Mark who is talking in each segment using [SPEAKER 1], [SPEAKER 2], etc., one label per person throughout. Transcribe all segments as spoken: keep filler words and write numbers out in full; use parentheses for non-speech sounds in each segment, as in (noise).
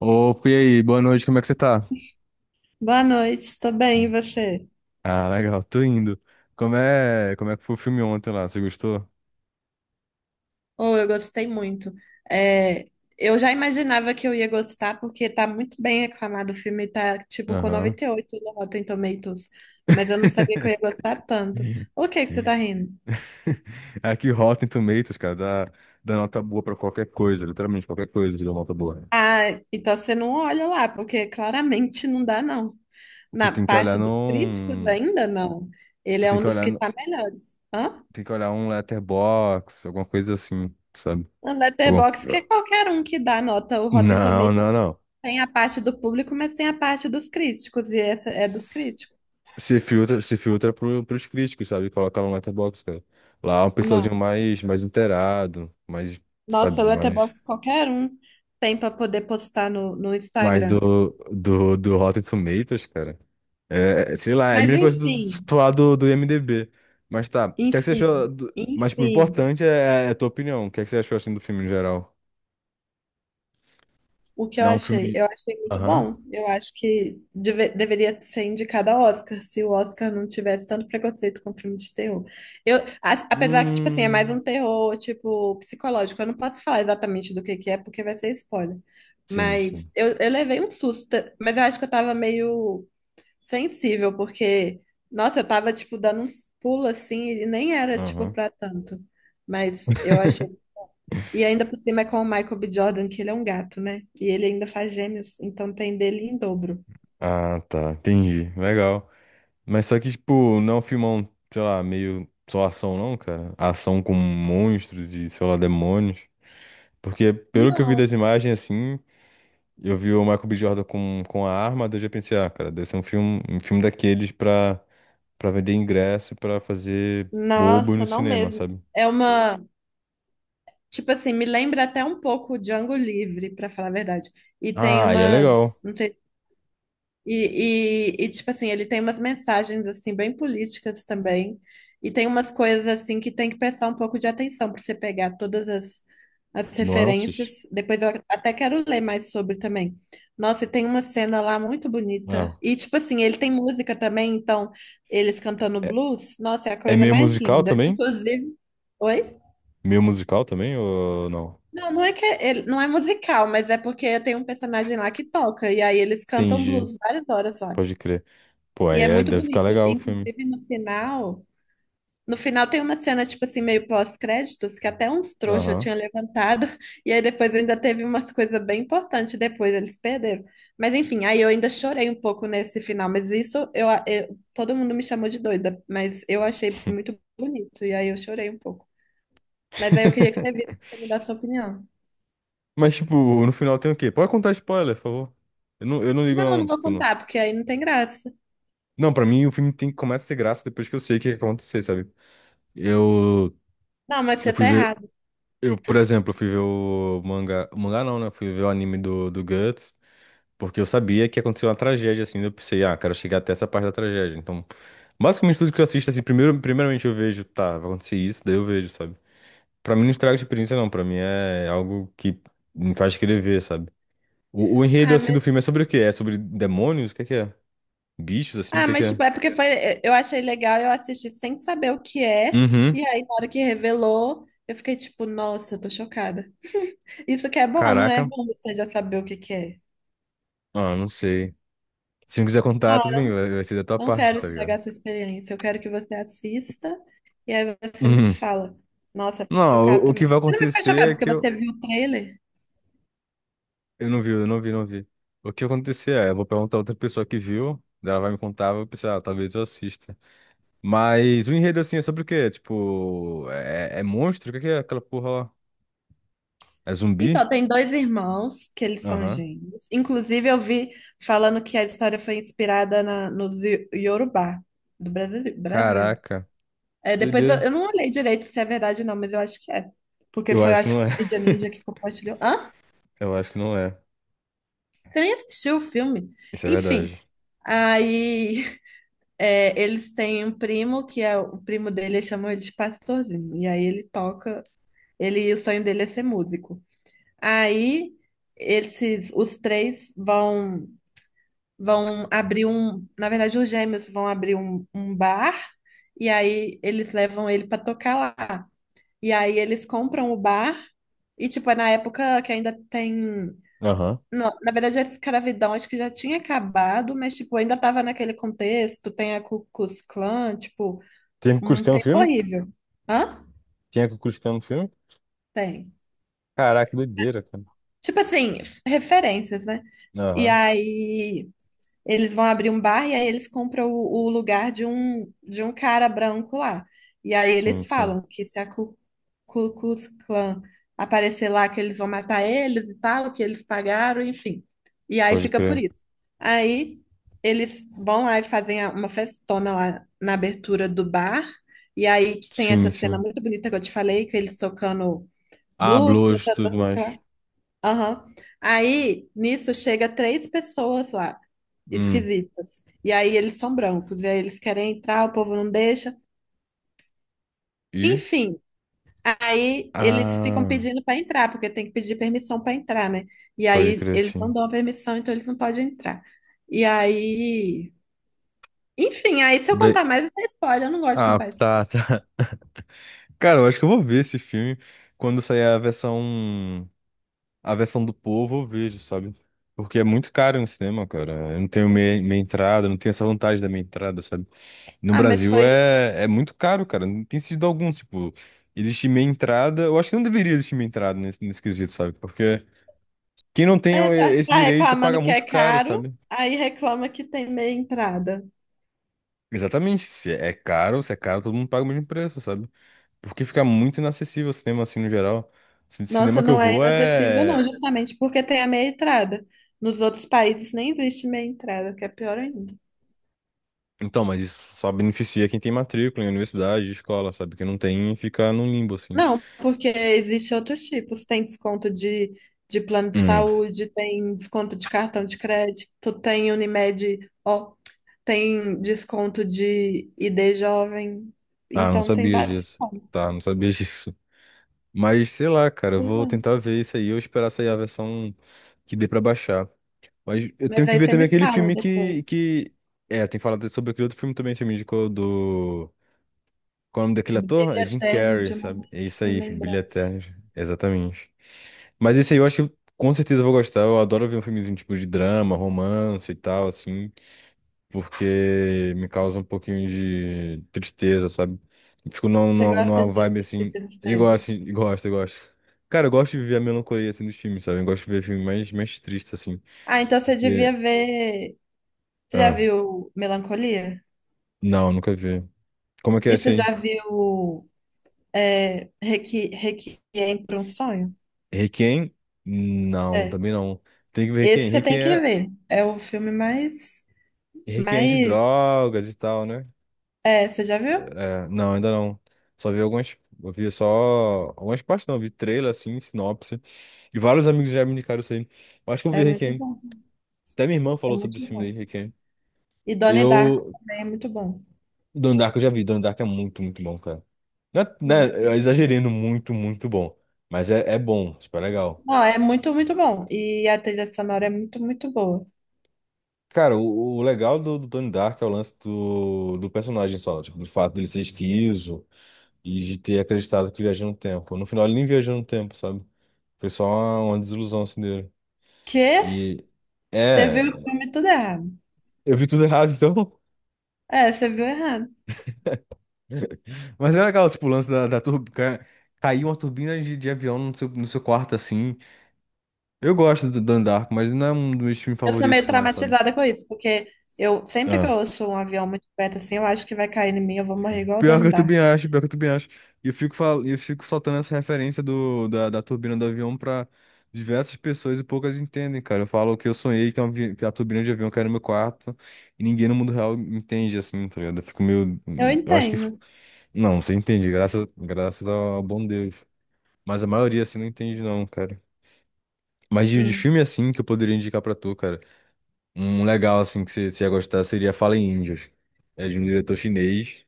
[SPEAKER 1] Opa, e aí? Boa noite, como é que você tá?
[SPEAKER 2] Boa noite, tô bem, e você?
[SPEAKER 1] Ah, legal, tô indo. Como é, como é que foi o filme ontem lá? Você gostou?
[SPEAKER 2] Oh, eu gostei muito. É, eu já imaginava que eu ia gostar, porque tá muito bem aclamado o filme, tá tipo com
[SPEAKER 1] Aham.
[SPEAKER 2] noventa e oito no Rotten Tomatoes, mas eu não sabia que eu ia
[SPEAKER 1] (laughs)
[SPEAKER 2] gostar tanto. O que que você tá rindo?
[SPEAKER 1] Aqui, Rotten Tomatoes, cara, dá, dá nota boa pra qualquer coisa, literalmente qualquer coisa que dá nota boa.
[SPEAKER 2] Ah, então você não olha lá, porque claramente não dá, não.
[SPEAKER 1] Tu
[SPEAKER 2] Na
[SPEAKER 1] tem que
[SPEAKER 2] parte
[SPEAKER 1] olhar
[SPEAKER 2] dos críticos
[SPEAKER 1] num.
[SPEAKER 2] ainda não. Ele
[SPEAKER 1] Tu
[SPEAKER 2] é
[SPEAKER 1] tem
[SPEAKER 2] um
[SPEAKER 1] que
[SPEAKER 2] dos
[SPEAKER 1] olhar,
[SPEAKER 2] que
[SPEAKER 1] no-
[SPEAKER 2] tá melhores. Hã?
[SPEAKER 1] Tem que olhar um letterbox, alguma coisa assim, sabe?
[SPEAKER 2] O
[SPEAKER 1] Alguma co-
[SPEAKER 2] Letterboxd, que é qualquer um que dá nota, o Rotten
[SPEAKER 1] Não,
[SPEAKER 2] Tomatoes.
[SPEAKER 1] não, não.
[SPEAKER 2] Tem a parte do público, mas tem a parte dos críticos, e essa é dos críticos.
[SPEAKER 1] Se filtra, se filtra pro, pros críticos, sabe? Coloca lá no Letterboxd, cara. Lá é um pessoalzinho
[SPEAKER 2] Não.
[SPEAKER 1] mais, mais inteirado, mais, sabe,
[SPEAKER 2] Nossa,
[SPEAKER 1] mais,
[SPEAKER 2] Letterboxd qualquer um tem para poder postar no, no
[SPEAKER 1] mais do,
[SPEAKER 2] Instagram.
[SPEAKER 1] do, do Rotten Tomatoes, cara. É, é, sei lá, é a
[SPEAKER 2] Mas
[SPEAKER 1] mesma coisa do,
[SPEAKER 2] enfim,
[SPEAKER 1] do, lá do do IMDb. Mas tá, o que é que você
[SPEAKER 2] enfim,
[SPEAKER 1] achou? do- Mas, tipo, o
[SPEAKER 2] enfim.
[SPEAKER 1] importante é, é a tua opinião. O que é que você achou, assim, do filme em geral?
[SPEAKER 2] O que eu
[SPEAKER 1] Não, é um
[SPEAKER 2] achei?
[SPEAKER 1] filme...
[SPEAKER 2] Eu achei muito
[SPEAKER 1] Aham.
[SPEAKER 2] bom. Eu acho que deve- deveria ser indicado ao Oscar, se o Oscar não tivesse tanto preconceito com filme de terror. Eu, a- apesar que, tipo assim, é mais um
[SPEAKER 1] Hum...
[SPEAKER 2] terror, tipo, psicológico. Eu não posso falar exatamente do que que é, porque vai ser spoiler.
[SPEAKER 1] Sim, sim.
[SPEAKER 2] Mas eu, eu levei um susto, mas eu acho que eu tava meio sensível, porque, nossa, eu tava, tipo, dando uns pulos, assim, e nem era, tipo,
[SPEAKER 1] Aham.
[SPEAKER 2] pra tanto. Mas eu achei,
[SPEAKER 1] (laughs)
[SPEAKER 2] e ainda por cima é com o Michael B. Jordan, que ele é um gato, né? E ele ainda faz gêmeos, então tem dele em dobro.
[SPEAKER 1] Ah, tá, entendi. Legal. Mas só que, tipo, não é um filmão, sei lá, meio só ação não, cara. Ação com monstros e, sei lá, demônios. Porque pelo que eu vi
[SPEAKER 2] Não.
[SPEAKER 1] das imagens, assim, eu vi o Michael B. Jordan com, com a arma, daí eu já pensei, ah, cara, deve ser um filme, um filme daqueles pra, pra vender ingresso e pra fazer bobo
[SPEAKER 2] Nossa,
[SPEAKER 1] no
[SPEAKER 2] não
[SPEAKER 1] cinema,
[SPEAKER 2] mesmo.
[SPEAKER 1] sabe?
[SPEAKER 2] É uma, tipo assim, me lembra até um pouco o Django Livre, pra falar a verdade. E tem
[SPEAKER 1] Ah, e é
[SPEAKER 2] umas,
[SPEAKER 1] legal.
[SPEAKER 2] não sei. E, e, e, tipo assim, ele tem umas mensagens, assim, bem políticas também. E tem umas coisas, assim, que tem que prestar um pouco de atenção para você pegar todas as, as
[SPEAKER 1] Nuances.
[SPEAKER 2] referências. Depois eu até quero ler mais sobre também. Nossa, e tem uma cena lá muito bonita.
[SPEAKER 1] Ah,
[SPEAKER 2] E, tipo assim, ele tem música também, então, eles cantando
[SPEAKER 1] é,
[SPEAKER 2] blues, nossa, é a
[SPEAKER 1] é
[SPEAKER 2] coisa
[SPEAKER 1] meio
[SPEAKER 2] mais
[SPEAKER 1] musical
[SPEAKER 2] linda.
[SPEAKER 1] também?
[SPEAKER 2] Inclusive. Oi?
[SPEAKER 1] Meio musical também ou não?
[SPEAKER 2] Não, não é que é- ele, não é musical, mas é porque tem um personagem lá que toca, e aí eles cantam
[SPEAKER 1] Entendi,
[SPEAKER 2] blues várias horas lá.
[SPEAKER 1] pode crer. Pô,
[SPEAKER 2] E
[SPEAKER 1] aí
[SPEAKER 2] é
[SPEAKER 1] é,
[SPEAKER 2] muito
[SPEAKER 1] deve ficar
[SPEAKER 2] bonito.
[SPEAKER 1] legal o filme.
[SPEAKER 2] Inclusive, no final, no final tem uma cena, tipo assim, meio pós-créditos, que até uns trouxas eu
[SPEAKER 1] Aham.
[SPEAKER 2] tinha levantado, e aí depois ainda teve umas coisas bem importantes, depois eles perderam. Mas enfim, aí eu ainda chorei um pouco nesse final, mas isso eu, eu- todo mundo me chamou de doida, mas eu achei
[SPEAKER 1] (laughs)
[SPEAKER 2] muito bonito, e aí eu chorei um pouco. Mas aí eu queria que você visse pra você me dar a sua opinião.
[SPEAKER 1] Mas, tipo, no final tem o quê? Pode contar spoiler, por favor. Eu não, eu não ligo,
[SPEAKER 2] Não, eu
[SPEAKER 1] não,
[SPEAKER 2] não vou
[SPEAKER 1] tipo, não.
[SPEAKER 2] contar, porque aí não tem graça.
[SPEAKER 1] Não, pra mim o filme tem, começa a ter graça depois que eu sei o que vai acontecer, sabe? Eu,
[SPEAKER 2] Não, mas
[SPEAKER 1] eu
[SPEAKER 2] você
[SPEAKER 1] fui
[SPEAKER 2] tá
[SPEAKER 1] ver,
[SPEAKER 2] errado.
[SPEAKER 1] eu, por exemplo, eu fui ver o mangá, o mangá não, né? Eu fui ver o anime do, do Guts, porque eu sabia que aconteceu uma tragédia, assim, eu pensei, ah, quero chegar até essa parte da tragédia. Então, basicamente tudo que eu assisto, assim, primeiro, primeiramente eu vejo, tá, vai acontecer isso, daí eu vejo, sabe? Pra mim não estraga a experiência, não, pra mim é algo que me faz querer ver, sabe? O, o enredo,
[SPEAKER 2] Ah,
[SPEAKER 1] assim, do filme é
[SPEAKER 2] mas
[SPEAKER 1] sobre o quê? É sobre demônios? O que é que é? Bichos, assim? O
[SPEAKER 2] Ah,
[SPEAKER 1] que é que
[SPEAKER 2] mas
[SPEAKER 1] é?
[SPEAKER 2] tipo, é porque foi, eh, eu achei legal, eu assisti sem saber o que é,
[SPEAKER 1] Uhum.
[SPEAKER 2] e aí na hora que revelou, eu fiquei tipo, nossa, eu tô chocada. Isso que é bom, não é
[SPEAKER 1] Caraca.
[SPEAKER 2] bom você já saber o que que é.
[SPEAKER 1] Ah, não sei. Se não quiser contar,
[SPEAKER 2] Ah,
[SPEAKER 1] tudo bem. Vai, vai ser da tua
[SPEAKER 2] não
[SPEAKER 1] parte,
[SPEAKER 2] quero
[SPEAKER 1] tá
[SPEAKER 2] estragar
[SPEAKER 1] ligado?
[SPEAKER 2] a sua experiência, eu quero que você assista, e aí você me
[SPEAKER 1] Uhum.
[SPEAKER 2] fala. Nossa, eu fiquei
[SPEAKER 1] Não,
[SPEAKER 2] chocada
[SPEAKER 1] o, o que
[SPEAKER 2] também.
[SPEAKER 1] vai
[SPEAKER 2] Você não vai ficar chocado
[SPEAKER 1] acontecer é
[SPEAKER 2] porque
[SPEAKER 1] que eu...
[SPEAKER 2] você viu o trailer?
[SPEAKER 1] Eu não vi, eu não vi, não vi. O que vai acontecer é, eu vou perguntar a outra pessoa que viu, daí ela vai me contar, eu vou pensar, ah, talvez eu assista. Mas o enredo, assim, é sobre o quê? Tipo, é, é monstro? O que é que é aquela porra lá? É zumbi?
[SPEAKER 2] Então, tem dois irmãos que eles são
[SPEAKER 1] Aham.
[SPEAKER 2] gêmeos. Inclusive, eu vi falando que a história foi inspirada na, nos Yo- Yorubá, do Brasil. Brasil.
[SPEAKER 1] Caraca.
[SPEAKER 2] É, depois eu,
[SPEAKER 1] Doideira.
[SPEAKER 2] eu não olhei direito se é verdade ou não, mas eu acho que é. Porque
[SPEAKER 1] Eu
[SPEAKER 2] foi, eu
[SPEAKER 1] acho que
[SPEAKER 2] acho que
[SPEAKER 1] não
[SPEAKER 2] foi
[SPEAKER 1] é.
[SPEAKER 2] a Mídia Ninja que
[SPEAKER 1] (laughs)
[SPEAKER 2] compartilhou. Hã?
[SPEAKER 1] Eu acho que não é.
[SPEAKER 2] Você nem assistiu o filme?
[SPEAKER 1] Isso é
[SPEAKER 2] Enfim.
[SPEAKER 1] verdade.
[SPEAKER 2] Aí (laughs) é, eles têm um primo que é o primo dele, eles chamam ele de pastorzinho. E aí ele toca, ele, o sonho dele é ser músico. Aí esses, os três vão vão abrir um, na verdade os gêmeos vão abrir um, um bar, e aí eles levam ele para tocar lá. E aí eles compram o bar e, tipo, é na época que ainda tem.
[SPEAKER 1] Aham.
[SPEAKER 2] Não, na verdade, a escravidão acho que já tinha acabado, mas, tipo, ainda tava naquele contexto. Tem a Ku Klux Klan, tipo,
[SPEAKER 1] Tem
[SPEAKER 2] um
[SPEAKER 1] Kukulkan no
[SPEAKER 2] tempo
[SPEAKER 1] filme?
[SPEAKER 2] horrível. Hã?
[SPEAKER 1] Tem Kukulkan no filme?
[SPEAKER 2] Tem.
[SPEAKER 1] Caraca, que doideira, cara.
[SPEAKER 2] Tipo assim, referências, né? E
[SPEAKER 1] Aham.
[SPEAKER 2] aí. Eles vão abrir um bar e aí eles compram o, o lugar de um, de um cara branco lá. E aí
[SPEAKER 1] Sim,
[SPEAKER 2] eles
[SPEAKER 1] sim.
[SPEAKER 2] falam que se a Ku, Ku Klux Klan aparecer lá, que eles vão matar eles e tal, que eles pagaram, enfim. E aí
[SPEAKER 1] Pode
[SPEAKER 2] fica por
[SPEAKER 1] crer.
[SPEAKER 2] isso. Aí eles vão lá e fazem a- uma festona lá na abertura do bar. E aí que tem
[SPEAKER 1] Sim,
[SPEAKER 2] essa cena
[SPEAKER 1] sim.
[SPEAKER 2] muito bonita que eu te falei, que eles tocando
[SPEAKER 1] Ah,
[SPEAKER 2] blues,
[SPEAKER 1] blues,
[SPEAKER 2] cantando
[SPEAKER 1] tudo
[SPEAKER 2] uma música
[SPEAKER 1] mais.
[SPEAKER 2] lá. Aham. Aí, nisso, chega três pessoas lá
[SPEAKER 1] Hum.
[SPEAKER 2] esquisitas. E aí eles são brancos, e aí eles querem entrar, o povo não deixa.
[SPEAKER 1] E?
[SPEAKER 2] Enfim, aí eles ficam
[SPEAKER 1] Ah,
[SPEAKER 2] pedindo para entrar, porque tem que pedir permissão para entrar, né? E
[SPEAKER 1] pode
[SPEAKER 2] aí
[SPEAKER 1] crer,
[SPEAKER 2] eles não
[SPEAKER 1] sim.
[SPEAKER 2] dão a permissão, então eles não podem entrar. E aí, enfim, aí se eu
[SPEAKER 1] Daí...
[SPEAKER 2] contar mais, isso é spoiler, eu não gosto de
[SPEAKER 1] Ah,
[SPEAKER 2] contar
[SPEAKER 1] tá,
[SPEAKER 2] spoiler.
[SPEAKER 1] tá. (laughs) Cara, eu acho que eu vou ver esse filme quando sair a versão... A versão do povo, eu vejo, sabe? Porque é muito caro no cinema, cara. Eu não tenho meia, meia entrada, não tenho essa vantagem da meia entrada, sabe? No
[SPEAKER 2] Ah, mas
[SPEAKER 1] Brasil
[SPEAKER 2] foi.
[SPEAKER 1] é, é muito caro, cara. Não tem sentido algum, tipo, existe meia entrada. Eu acho que não deveria existir meia entrada nesse, nesse quesito, sabe? Porque quem não tem
[SPEAKER 2] É,
[SPEAKER 1] eh,
[SPEAKER 2] tá,
[SPEAKER 1] esse
[SPEAKER 2] tá
[SPEAKER 1] direito paga
[SPEAKER 2] reclamando que é
[SPEAKER 1] muito caro,
[SPEAKER 2] caro,
[SPEAKER 1] sabe?
[SPEAKER 2] aí reclama que tem meia entrada.
[SPEAKER 1] Exatamente. Se é caro, se é caro, todo mundo paga o mesmo preço, sabe? Porque fica muito inacessível o cinema assim no geral. Ci-
[SPEAKER 2] Nossa,
[SPEAKER 1] Cinema que eu
[SPEAKER 2] não é
[SPEAKER 1] vou
[SPEAKER 2] inacessível, não,
[SPEAKER 1] é.
[SPEAKER 2] justamente porque tem a meia entrada. Nos outros países nem existe meia entrada, que é pior ainda.
[SPEAKER 1] Então, mas isso só beneficia quem tem matrícula em universidade, escola, sabe? Quem não tem fica num limbo, assim.
[SPEAKER 2] Não, porque existem outros tipos. Tem desconto de, de plano de
[SPEAKER 1] Hum.
[SPEAKER 2] saúde, tem desconto de cartão de crédito, tem Unimed, ó, tem desconto de I D jovem.
[SPEAKER 1] Ah, não
[SPEAKER 2] Então tem
[SPEAKER 1] sabia
[SPEAKER 2] vários
[SPEAKER 1] disso.
[SPEAKER 2] pontos.
[SPEAKER 1] Tá, não sabia disso. Mas sei lá, cara, eu vou
[SPEAKER 2] Né?
[SPEAKER 1] tentar ver isso aí, eu esperar sair a versão que dê pra baixar. Mas eu tenho
[SPEAKER 2] Mas
[SPEAKER 1] que
[SPEAKER 2] aí
[SPEAKER 1] ver
[SPEAKER 2] você
[SPEAKER 1] também
[SPEAKER 2] me
[SPEAKER 1] aquele
[SPEAKER 2] fala
[SPEAKER 1] filme que,
[SPEAKER 2] depois.
[SPEAKER 1] que... É, tem que falar sobre aquele outro filme também, que você me indicou do... Qual é o nome daquele ator?
[SPEAKER 2] Brilho
[SPEAKER 1] É Jim
[SPEAKER 2] eterno
[SPEAKER 1] Carrey,
[SPEAKER 2] de um
[SPEAKER 1] sabe?
[SPEAKER 2] momento
[SPEAKER 1] É isso
[SPEAKER 2] sem
[SPEAKER 1] aí, Brilho
[SPEAKER 2] lembrança.
[SPEAKER 1] Eterno, exatamente. Mas esse aí eu acho que com certeza eu vou gostar, eu adoro ver um filmezinho tipo de drama, romance e tal, assim porque me causa um pouquinho de tristeza, sabe? Eu fico numa,
[SPEAKER 2] Você
[SPEAKER 1] numa,
[SPEAKER 2] gosta
[SPEAKER 1] numa
[SPEAKER 2] de
[SPEAKER 1] vibe
[SPEAKER 2] sentir
[SPEAKER 1] assim, e
[SPEAKER 2] tristeza?
[SPEAKER 1] gosto, assim, (laughs) e gosto, eu gosto. Cara, eu gosto de ver a melancolia assim dos filmes, sabe? Eu gosto de ver filme mais, mais triste, assim.
[SPEAKER 2] Ah, então você
[SPEAKER 1] E,
[SPEAKER 2] devia
[SPEAKER 1] é,
[SPEAKER 2] ver. Você já
[SPEAKER 1] ah,
[SPEAKER 2] viu Melancolia?
[SPEAKER 1] não, nunca vi. Como é que é
[SPEAKER 2] E
[SPEAKER 1] esse
[SPEAKER 2] você
[SPEAKER 1] aí?
[SPEAKER 2] já viu, é, Requi- Requiem para um Sonho.
[SPEAKER 1] Requiem? Não,
[SPEAKER 2] É.
[SPEAKER 1] também não. Tem que ver Requiem.
[SPEAKER 2] Esse você tem
[SPEAKER 1] Requiem
[SPEAKER 2] que
[SPEAKER 1] é,
[SPEAKER 2] ver. É o filme mais,
[SPEAKER 1] Requiem é de
[SPEAKER 2] mais,
[SPEAKER 1] drogas e tal, né?
[SPEAKER 2] é, você já viu?
[SPEAKER 1] É, não, ainda não. Só vi algumas. Eu vi só algumas partes, não. Vi trailer, assim, sinopse. E vários amigos já me indicaram isso aí. Eu acho que eu vi
[SPEAKER 2] É muito
[SPEAKER 1] Requiem.
[SPEAKER 2] bom.
[SPEAKER 1] Até minha irmã
[SPEAKER 2] É
[SPEAKER 1] falou sobre
[SPEAKER 2] muito
[SPEAKER 1] esse filme aí,
[SPEAKER 2] bom.
[SPEAKER 1] Requiem.
[SPEAKER 2] E Donnie Darko
[SPEAKER 1] Eu.
[SPEAKER 2] também é muito bom.
[SPEAKER 1] Donnie Darko eu já vi. Donnie Darko é muito, muito bom, cara. Não é- não
[SPEAKER 2] Hum.
[SPEAKER 1] é- Eu exagerando muito, muito bom. Mas é, é bom, tipo, é legal.
[SPEAKER 2] Não, é muito, muito bom. E a trilha sonora é muito, muito boa.
[SPEAKER 1] Cara, o, o legal do, do Donnie Darko é o lance do, do personagem só. Tipo, do fato dele ser esquizo e de ter acreditado que viajou no tempo. No final ele nem viajou no tempo, sabe? Foi só uma, uma desilusão assim dele.
[SPEAKER 2] Que?
[SPEAKER 1] E.
[SPEAKER 2] Você viu o
[SPEAKER 1] É.
[SPEAKER 2] filme tudo errado.
[SPEAKER 1] Eu vi tudo errado, então.
[SPEAKER 2] É, você viu errado.
[SPEAKER 1] (laughs) Mas era aquela, tipo, o lance da, da turbina. Caiu uma turbina de, de avião no seu, no seu quarto assim. Eu gosto do Donnie Darko, mas não é um dos meus filmes
[SPEAKER 2] Eu sou
[SPEAKER 1] favoritos,
[SPEAKER 2] meio
[SPEAKER 1] não, sabe?
[SPEAKER 2] traumatizada com isso, porque eu sempre que eu
[SPEAKER 1] Ah,
[SPEAKER 2] ouço um avião muito perto assim, eu acho que vai cair em mim, eu vou morrer igual o
[SPEAKER 1] pior que
[SPEAKER 2] Donnie
[SPEAKER 1] eu também
[SPEAKER 2] Darko.
[SPEAKER 1] acho, pior que eu também acho. E eu fico, fal... eu fico soltando essa referência do... da, da turbina do avião pra diversas pessoas e poucas entendem, cara. Eu falo que eu sonhei que, é um avi- que a turbina de avião caiu no meu quarto e ninguém no mundo real entende, assim, tá ligado? Eu fico meio.
[SPEAKER 2] Eu
[SPEAKER 1] Eu acho que.
[SPEAKER 2] entendo.
[SPEAKER 1] Não, você entende, graças, graças ao bom Deus. Mas a maioria, assim, não entende, não, cara. Mas de, de
[SPEAKER 2] Hum.
[SPEAKER 1] filme assim que eu poderia indicar pra tu, cara. Um legal assim que você você ia gostar seria Fallen Angels. É de um diretor chinês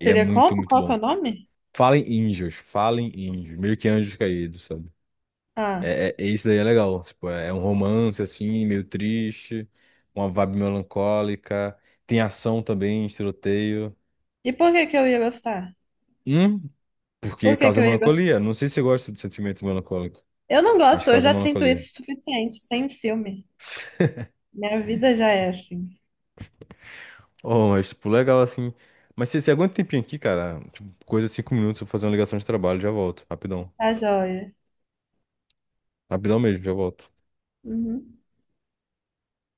[SPEAKER 1] e é
[SPEAKER 2] Seria
[SPEAKER 1] muito,
[SPEAKER 2] como?
[SPEAKER 1] muito
[SPEAKER 2] Qual que é o
[SPEAKER 1] bom.
[SPEAKER 2] nome?
[SPEAKER 1] Fallen Angels, Fallen Angels, meio que anjos caídos, sabe?
[SPEAKER 2] Ah,
[SPEAKER 1] É, é, é- isso daí é legal. Tipo, é é um romance assim, meio triste, uma vibe melancólica. Tem ação também, tiroteio.
[SPEAKER 2] e por que que eu ia gostar?
[SPEAKER 1] Hum,
[SPEAKER 2] Por
[SPEAKER 1] porque
[SPEAKER 2] que que
[SPEAKER 1] causa
[SPEAKER 2] eu ia gostar?
[SPEAKER 1] melancolia. Não sei se você gosta de sentimento melancólico,
[SPEAKER 2] Eu não
[SPEAKER 1] mas
[SPEAKER 2] gosto, eu
[SPEAKER 1] causa
[SPEAKER 2] já sinto
[SPEAKER 1] melancolia.
[SPEAKER 2] isso o suficiente, sem filme. Minha vida já é assim.
[SPEAKER 1] Oh, mas, tipo, legal assim. Mas você, você aguenta um tempinho aqui, cara? Tipo, coisa de cinco minutos, eu vou fazer uma ligação de trabalho, já volto. Rapidão.
[SPEAKER 2] Tá joia.
[SPEAKER 1] Rapidão mesmo, já volto.
[SPEAKER 2] Uhum.